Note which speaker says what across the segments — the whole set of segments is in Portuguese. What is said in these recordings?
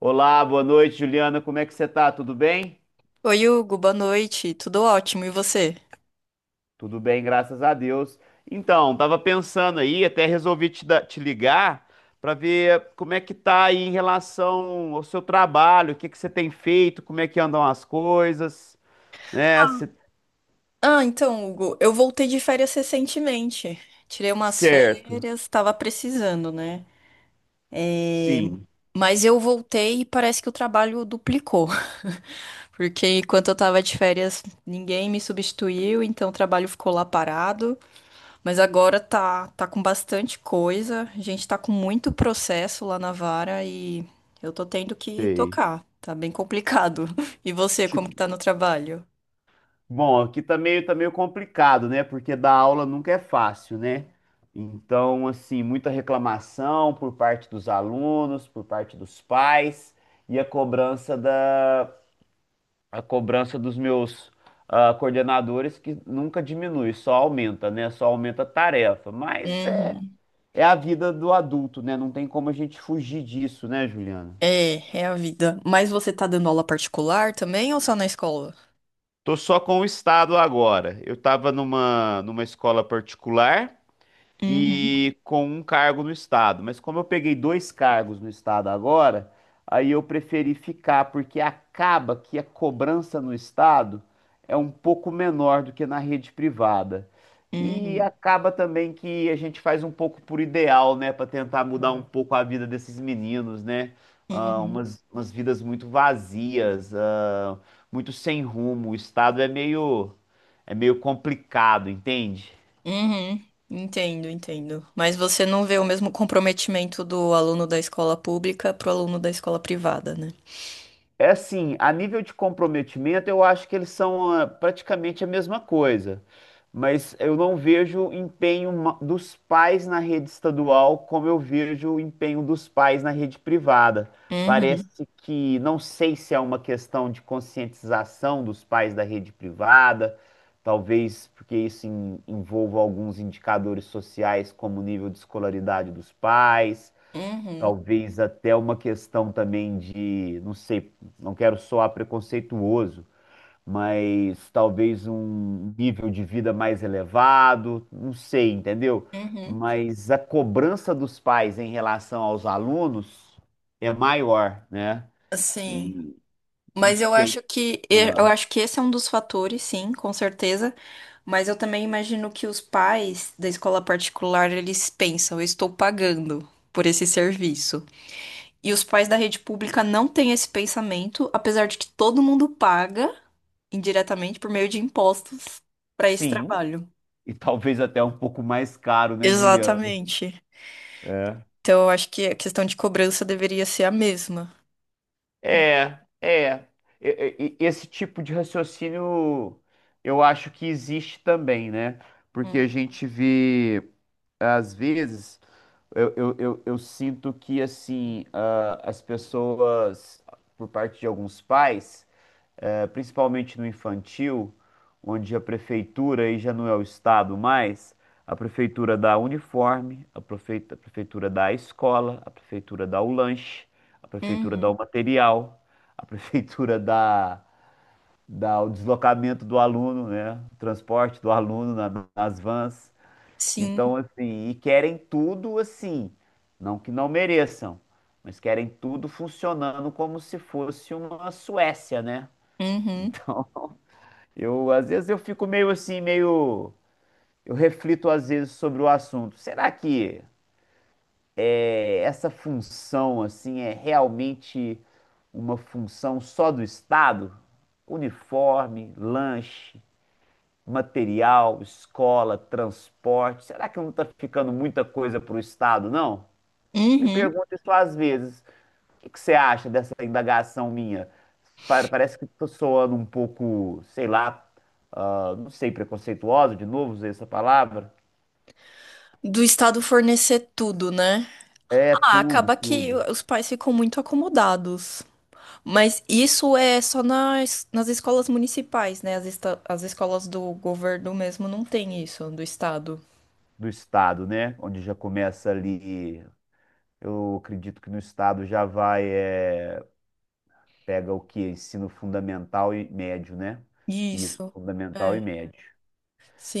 Speaker 1: Olá, boa noite, Juliana. Como é que você tá? Tudo bem?
Speaker 2: Oi, Hugo, boa noite. Tudo ótimo, e você?
Speaker 1: Tudo bem, graças a Deus. Então, tava pensando aí, até resolvi te, dar- te ligar para ver como é que tá aí em relação ao seu trabalho, o que que você tem feito, como é que andam as coisas, né?
Speaker 2: Ah, então, Hugo, eu voltei de férias recentemente. Tirei umas
Speaker 1: Certo.
Speaker 2: férias, tava precisando, né?
Speaker 1: Sim,
Speaker 2: Mas eu voltei e parece que o trabalho duplicou. Porque enquanto eu tava de férias, ninguém me substituiu, então o trabalho ficou lá parado. Mas agora tá com bastante coisa. A gente tá com muito processo lá na vara e eu tô tendo que
Speaker 1: sei.
Speaker 2: tocar. Tá bem complicado. E você, como
Speaker 1: Tipo,
Speaker 2: que tá no trabalho?
Speaker 1: bom, aqui tá meio complicado, né? Porque dar aula nunca é fácil, né? Então, assim, muita reclamação por parte dos alunos, por parte dos pais e a cobrança dos meus coordenadores que nunca diminui, só aumenta, né? Só aumenta a tarefa. Mas é,
Speaker 2: Uhum.
Speaker 1: é a vida do adulto, né? Não tem como a gente fugir disso, né, Juliana?
Speaker 2: É, é a vida. Mas você tá dando aula particular também ou só na escola?
Speaker 1: Tô só com o estado agora. Eu tava numa escola particular
Speaker 2: Uhum,
Speaker 1: e com um cargo no estado. Mas como eu peguei dois cargos no estado agora, aí eu preferi ficar, porque acaba que a cobrança no estado é um pouco menor do que na rede privada. E
Speaker 2: uhum,
Speaker 1: acaba também que a gente faz um pouco por ideal, né, para tentar mudar um pouco a vida desses meninos, né? Ah,
Speaker 2: uhum,
Speaker 1: umas vidas muito vazias, muito sem rumo. O estado é meio complicado, entende?
Speaker 2: uhum. Entendo, entendo. Mas você não vê o mesmo comprometimento do aluno da escola pública pro aluno da escola privada, né?
Speaker 1: É assim, a nível de comprometimento, eu acho que eles são praticamente a mesma coisa. Mas eu não vejo dos pais na rede estadual como eu vejo o empenho dos pais na rede privada.
Speaker 2: Uhum,
Speaker 1: Parece que, não sei se é uma questão de conscientização dos pais da rede privada, talvez porque envolva alguns indicadores sociais, como o nível de escolaridade dos pais.
Speaker 2: uhum,
Speaker 1: Talvez até uma questão também de, não sei, não quero soar preconceituoso, mas talvez um nível de vida mais elevado, não sei, entendeu?
Speaker 2: uhum.
Speaker 1: Mas a cobrança dos pais em relação aos alunos é maior, né?
Speaker 2: Assim,
Speaker 1: E não
Speaker 2: mas eu
Speaker 1: sei.
Speaker 2: acho que
Speaker 1: Ah,
Speaker 2: esse é um dos fatores, sim, com certeza. Mas eu também imagino que os pais da escola particular, eles pensam, eu estou pagando por esse serviço. E os pais da rede pública não têm esse pensamento, apesar de que todo mundo paga indiretamente por meio de impostos para esse
Speaker 1: sim,
Speaker 2: trabalho.
Speaker 1: e talvez até um pouco mais caro, né, Juliano?
Speaker 2: Exatamente.
Speaker 1: É.
Speaker 2: Então, eu acho que a questão de cobrança deveria ser a mesma.
Speaker 1: É, é. Esse tipo de raciocínio eu acho que existe também, né? Porque a
Speaker 2: Uhum.
Speaker 1: gente vê, às vezes, eu sinto que, assim, as pessoas, por parte de alguns pais, principalmente no infantil, onde a prefeitura, aí já não é o estado mais, a prefeitura dá uniforme, a prefeitura dá a escola, a prefeitura dá o lanche, a prefeitura dá
Speaker 2: Uhum.
Speaker 1: o material, a prefeitura dá o deslocamento do aluno, né? O transporte do aluno nas vans.
Speaker 2: Sim.
Speaker 1: Então, assim, e querem tudo assim, não que não mereçam, mas querem tudo funcionando como se fosse uma Suécia, né?
Speaker 2: Uhum.
Speaker 1: Então, eu, às vezes eu fico meio assim, meio. Eu reflito às vezes sobre o assunto. Essa função assim é realmente uma função só do Estado? Uniforme, lanche, material, escola, transporte. Será que não está ficando muita coisa para o Estado, não? Me
Speaker 2: Uhum.
Speaker 1: pergunto isso às vezes. O que você acha dessa indagação minha? Parece que estou soando um pouco, sei lá, não sei, preconceituosa, de novo, usei essa palavra.
Speaker 2: Do Estado fornecer tudo, né?
Speaker 1: É
Speaker 2: Ah,
Speaker 1: tudo,
Speaker 2: acaba que
Speaker 1: tudo
Speaker 2: os pais ficam muito acomodados. Mas isso é só nas escolas municipais, né? As, as escolas do governo mesmo não tem isso, do estado.
Speaker 1: do Estado, né? Onde já começa ali. Eu acredito que no Estado já vai, é, pega o quê? Ensino fundamental e médio, né? Isso,
Speaker 2: Isso.
Speaker 1: fundamental
Speaker 2: É,
Speaker 1: e médio.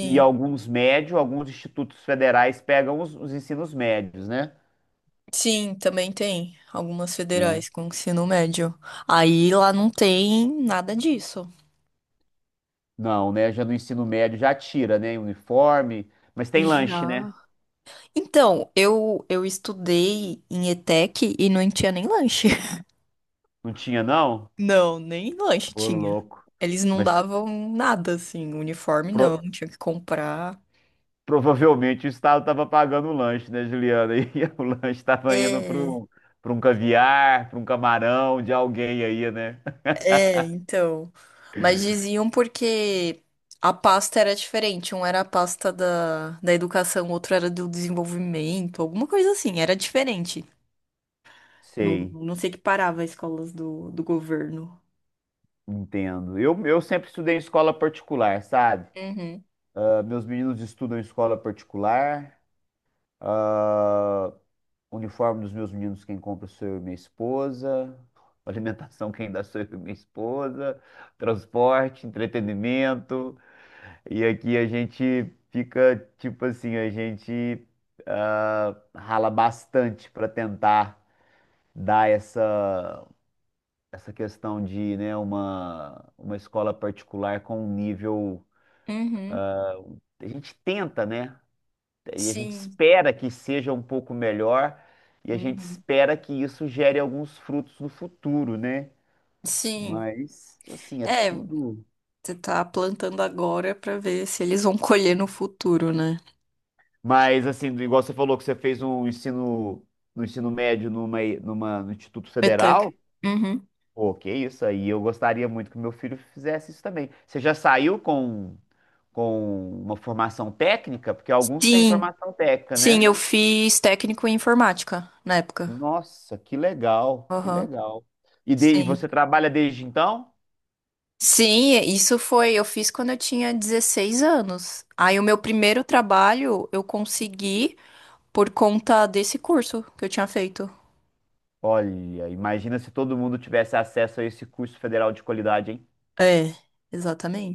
Speaker 1: E alguns médios, alguns institutos federais pegam os ensinos médios, né?
Speaker 2: Sim, também tem algumas
Speaker 1: Né?
Speaker 2: federais com ensino médio. Aí lá não tem nada disso.
Speaker 1: Não, né? Já no ensino médio já tira, né? Uniforme. Mas tem lanche, né?
Speaker 2: Já. Então, eu estudei em ETEC e não tinha nem lanche.
Speaker 1: Não tinha, não?
Speaker 2: Não, nem lanche
Speaker 1: Ô,
Speaker 2: tinha.
Speaker 1: louco.
Speaker 2: Eles não
Speaker 1: Mas
Speaker 2: davam nada, assim, uniforme não,
Speaker 1: pro-
Speaker 2: tinha que comprar.
Speaker 1: provavelmente o Estado estava pagando o lanche, né, Juliana? E o lanche estava indo
Speaker 2: É.
Speaker 1: para um caviar, para um camarão de alguém aí, né?
Speaker 2: É, então. Mas diziam porque a pasta era diferente. Um era a pasta da educação, o outro era do desenvolvimento, alguma coisa assim. Era diferente. Não,
Speaker 1: Sei,
Speaker 2: não sei que parava as escolas do governo.
Speaker 1: entendo. Eu sempre estudei em escola particular, sabe?
Speaker 2: Uhum,
Speaker 1: Ah, meus meninos estudam em escola particular. Ah, uniforme dos meus meninos, quem compra sou eu e minha esposa. Alimentação, quem dá sou eu e minha esposa. Transporte, entretenimento. E aqui a gente fica, tipo assim, a gente rala bastante para tentar dar essa questão de, né, uma escola particular com um nível.
Speaker 2: uhum,
Speaker 1: A gente tenta, né? E a gente
Speaker 2: sim,
Speaker 1: espera que seja um pouco melhor e a gente
Speaker 2: uhum,
Speaker 1: espera que isso gere alguns frutos no futuro, né?
Speaker 2: sim.
Speaker 1: Mas assim, é
Speaker 2: É,
Speaker 1: tudo.
Speaker 2: você tá plantando agora pra ver se eles vão colher no futuro, né?
Speaker 1: Mas assim, igual você falou que você fez um ensino no ensino médio numa, numa no Instituto
Speaker 2: É tec...
Speaker 1: Federal,
Speaker 2: Uhum.
Speaker 1: pô, que isso aí, eu gostaria muito que meu filho fizesse isso também. Você já saiu com uma formação técnica? Porque alguns têm
Speaker 2: Sim,
Speaker 1: formação técnica,
Speaker 2: sim,
Speaker 1: né?
Speaker 2: eu fiz técnico em informática na época.
Speaker 1: Nossa, que legal, que
Speaker 2: Aham.
Speaker 1: legal. E, e
Speaker 2: Sim.
Speaker 1: você trabalha desde então?
Speaker 2: Sim, isso foi, eu fiz quando eu tinha 16 anos. Aí o meu primeiro trabalho eu consegui por conta desse curso que eu tinha feito.
Speaker 1: Olha, imagina se todo mundo tivesse acesso a esse curso federal de qualidade, hein?
Speaker 2: É,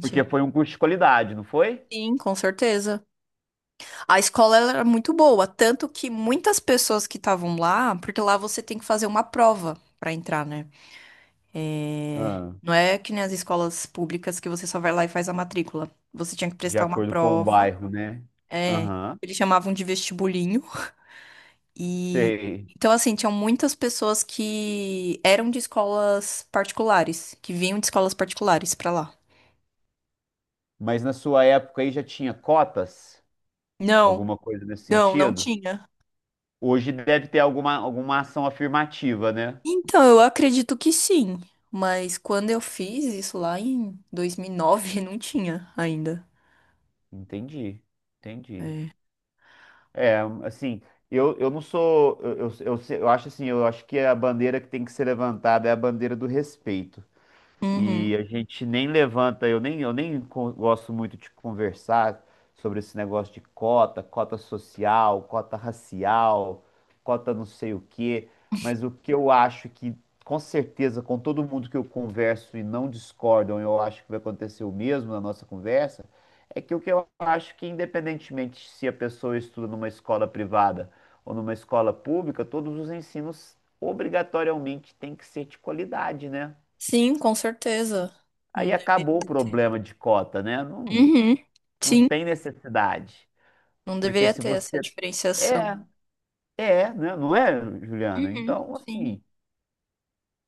Speaker 1: Porque foi um curso de qualidade, não foi?
Speaker 2: Sim, com certeza. A escola ela era muito boa, tanto que muitas pessoas que estavam lá, porque lá você tem que fazer uma prova pra entrar, né? É,
Speaker 1: Ah,
Speaker 2: não é que nem as escolas públicas que você só vai lá e faz a matrícula. Você tinha que
Speaker 1: de
Speaker 2: prestar uma
Speaker 1: acordo com o
Speaker 2: prova.
Speaker 1: bairro, né?
Speaker 2: É,
Speaker 1: Aham,
Speaker 2: eles chamavam de vestibulinho. E
Speaker 1: sei.
Speaker 2: então, assim, tinham muitas pessoas que eram de escolas particulares, que vinham de escolas particulares pra lá.
Speaker 1: Mas na sua época aí já tinha cotas?
Speaker 2: Não,
Speaker 1: Alguma coisa nesse
Speaker 2: não, não
Speaker 1: sentido?
Speaker 2: tinha.
Speaker 1: Hoje deve ter alguma ação afirmativa, né?
Speaker 2: Então, eu acredito que sim, mas quando eu fiz isso lá em 2009 não tinha ainda.
Speaker 1: Entendi, entendi.
Speaker 2: É.
Speaker 1: É, assim, eu não sou. Eu, se- eu acho assim, eu acho que a bandeira que tem que ser levantada é a bandeira do respeito.
Speaker 2: Uhum.
Speaker 1: E a gente nem levanta, eu nem co- gosto muito de conversar sobre esse negócio de cota, cota social, cota racial, cota não sei o quê, mas o que eu acho que, com certeza, com todo mundo que eu converso e não discordam, eu acho que vai acontecer o mesmo na nossa conversa, é que o que eu acho que, independentemente se a pessoa estuda numa escola privada ou numa escola pública, todos os ensinos obrigatoriamente têm que ser de qualidade, né?
Speaker 2: Sim, com certeza.
Speaker 1: Aí
Speaker 2: Não deveria
Speaker 1: acabou o
Speaker 2: ter.
Speaker 1: problema de cota, né? Não,
Speaker 2: Uhum.
Speaker 1: não
Speaker 2: Sim,
Speaker 1: tem necessidade.
Speaker 2: não
Speaker 1: Porque
Speaker 2: deveria
Speaker 1: se
Speaker 2: ter essa
Speaker 1: você.
Speaker 2: diferenciação.
Speaker 1: É, é, né? Não é, Juliana?
Speaker 2: Uhum.
Speaker 1: Então,
Speaker 2: Sim.
Speaker 1: assim.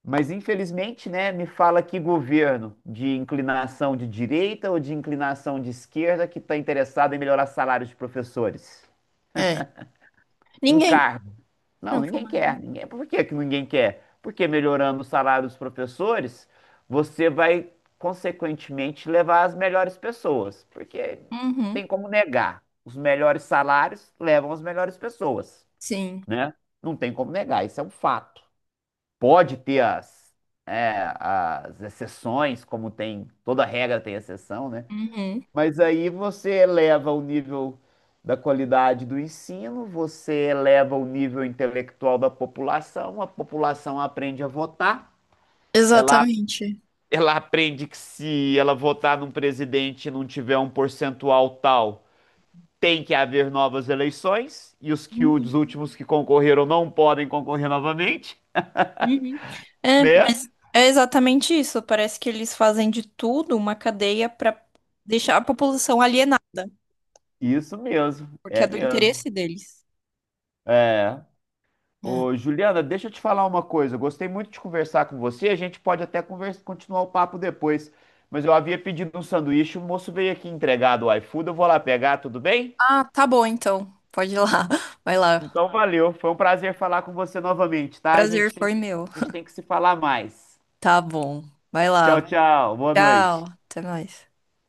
Speaker 1: Mas infelizmente, né? Me fala que governo de inclinação de direita ou de inclinação de esquerda que está interessado em melhorar salários de professores.
Speaker 2: É.
Speaker 1: Um
Speaker 2: Ninguém.
Speaker 1: cargo. Não,
Speaker 2: Não
Speaker 1: ninguém
Speaker 2: fuma
Speaker 1: quer.
Speaker 2: ninguém.
Speaker 1: Ninguém... Por que que ninguém quer? Porque melhorando o salário dos professores, você vai, consequentemente, levar as melhores pessoas. Porque não
Speaker 2: Uhum.
Speaker 1: tem como negar. Os melhores salários levam as melhores pessoas,
Speaker 2: Sim.
Speaker 1: né? Não tem como negar, isso é um fato. Pode ter é, as exceções, como tem, toda regra tem exceção, né?
Speaker 2: Uhum.
Speaker 1: Mas aí você eleva o nível da qualidade do ensino, você eleva o nível intelectual da população, a população aprende a votar, ela,
Speaker 2: Exatamente.
Speaker 1: ela aprende que se ela votar num presidente e não tiver um percentual tal, tem que haver novas eleições, e os que
Speaker 2: Uhum,
Speaker 1: os últimos que concorreram não podem concorrer novamente,
Speaker 2: uhum. É,
Speaker 1: né?
Speaker 2: mas é exatamente isso. Parece que eles fazem de tudo uma cadeia para deixar a população alienada,
Speaker 1: Isso
Speaker 2: porque é do
Speaker 1: mesmo.
Speaker 2: interesse deles.
Speaker 1: É.
Speaker 2: Hum.
Speaker 1: Ô, Juliana, deixa eu te falar uma coisa. Eu gostei muito de conversar com você. A gente pode até continuar o papo depois. Mas eu havia pedido um sanduíche, o moço veio aqui entregar do iFood. Eu vou lá pegar, tudo bem?
Speaker 2: Ah, tá bom então. Pode ir lá. Vai lá.
Speaker 1: Então valeu. Foi um prazer falar com você novamente, tá?
Speaker 2: Prazer foi meu.
Speaker 1: A gente tem que se falar mais.
Speaker 2: Tá bom. Vai
Speaker 1: Tchau,
Speaker 2: lá.
Speaker 1: tchau. Boa
Speaker 2: Tchau.
Speaker 1: noite.
Speaker 2: Até mais.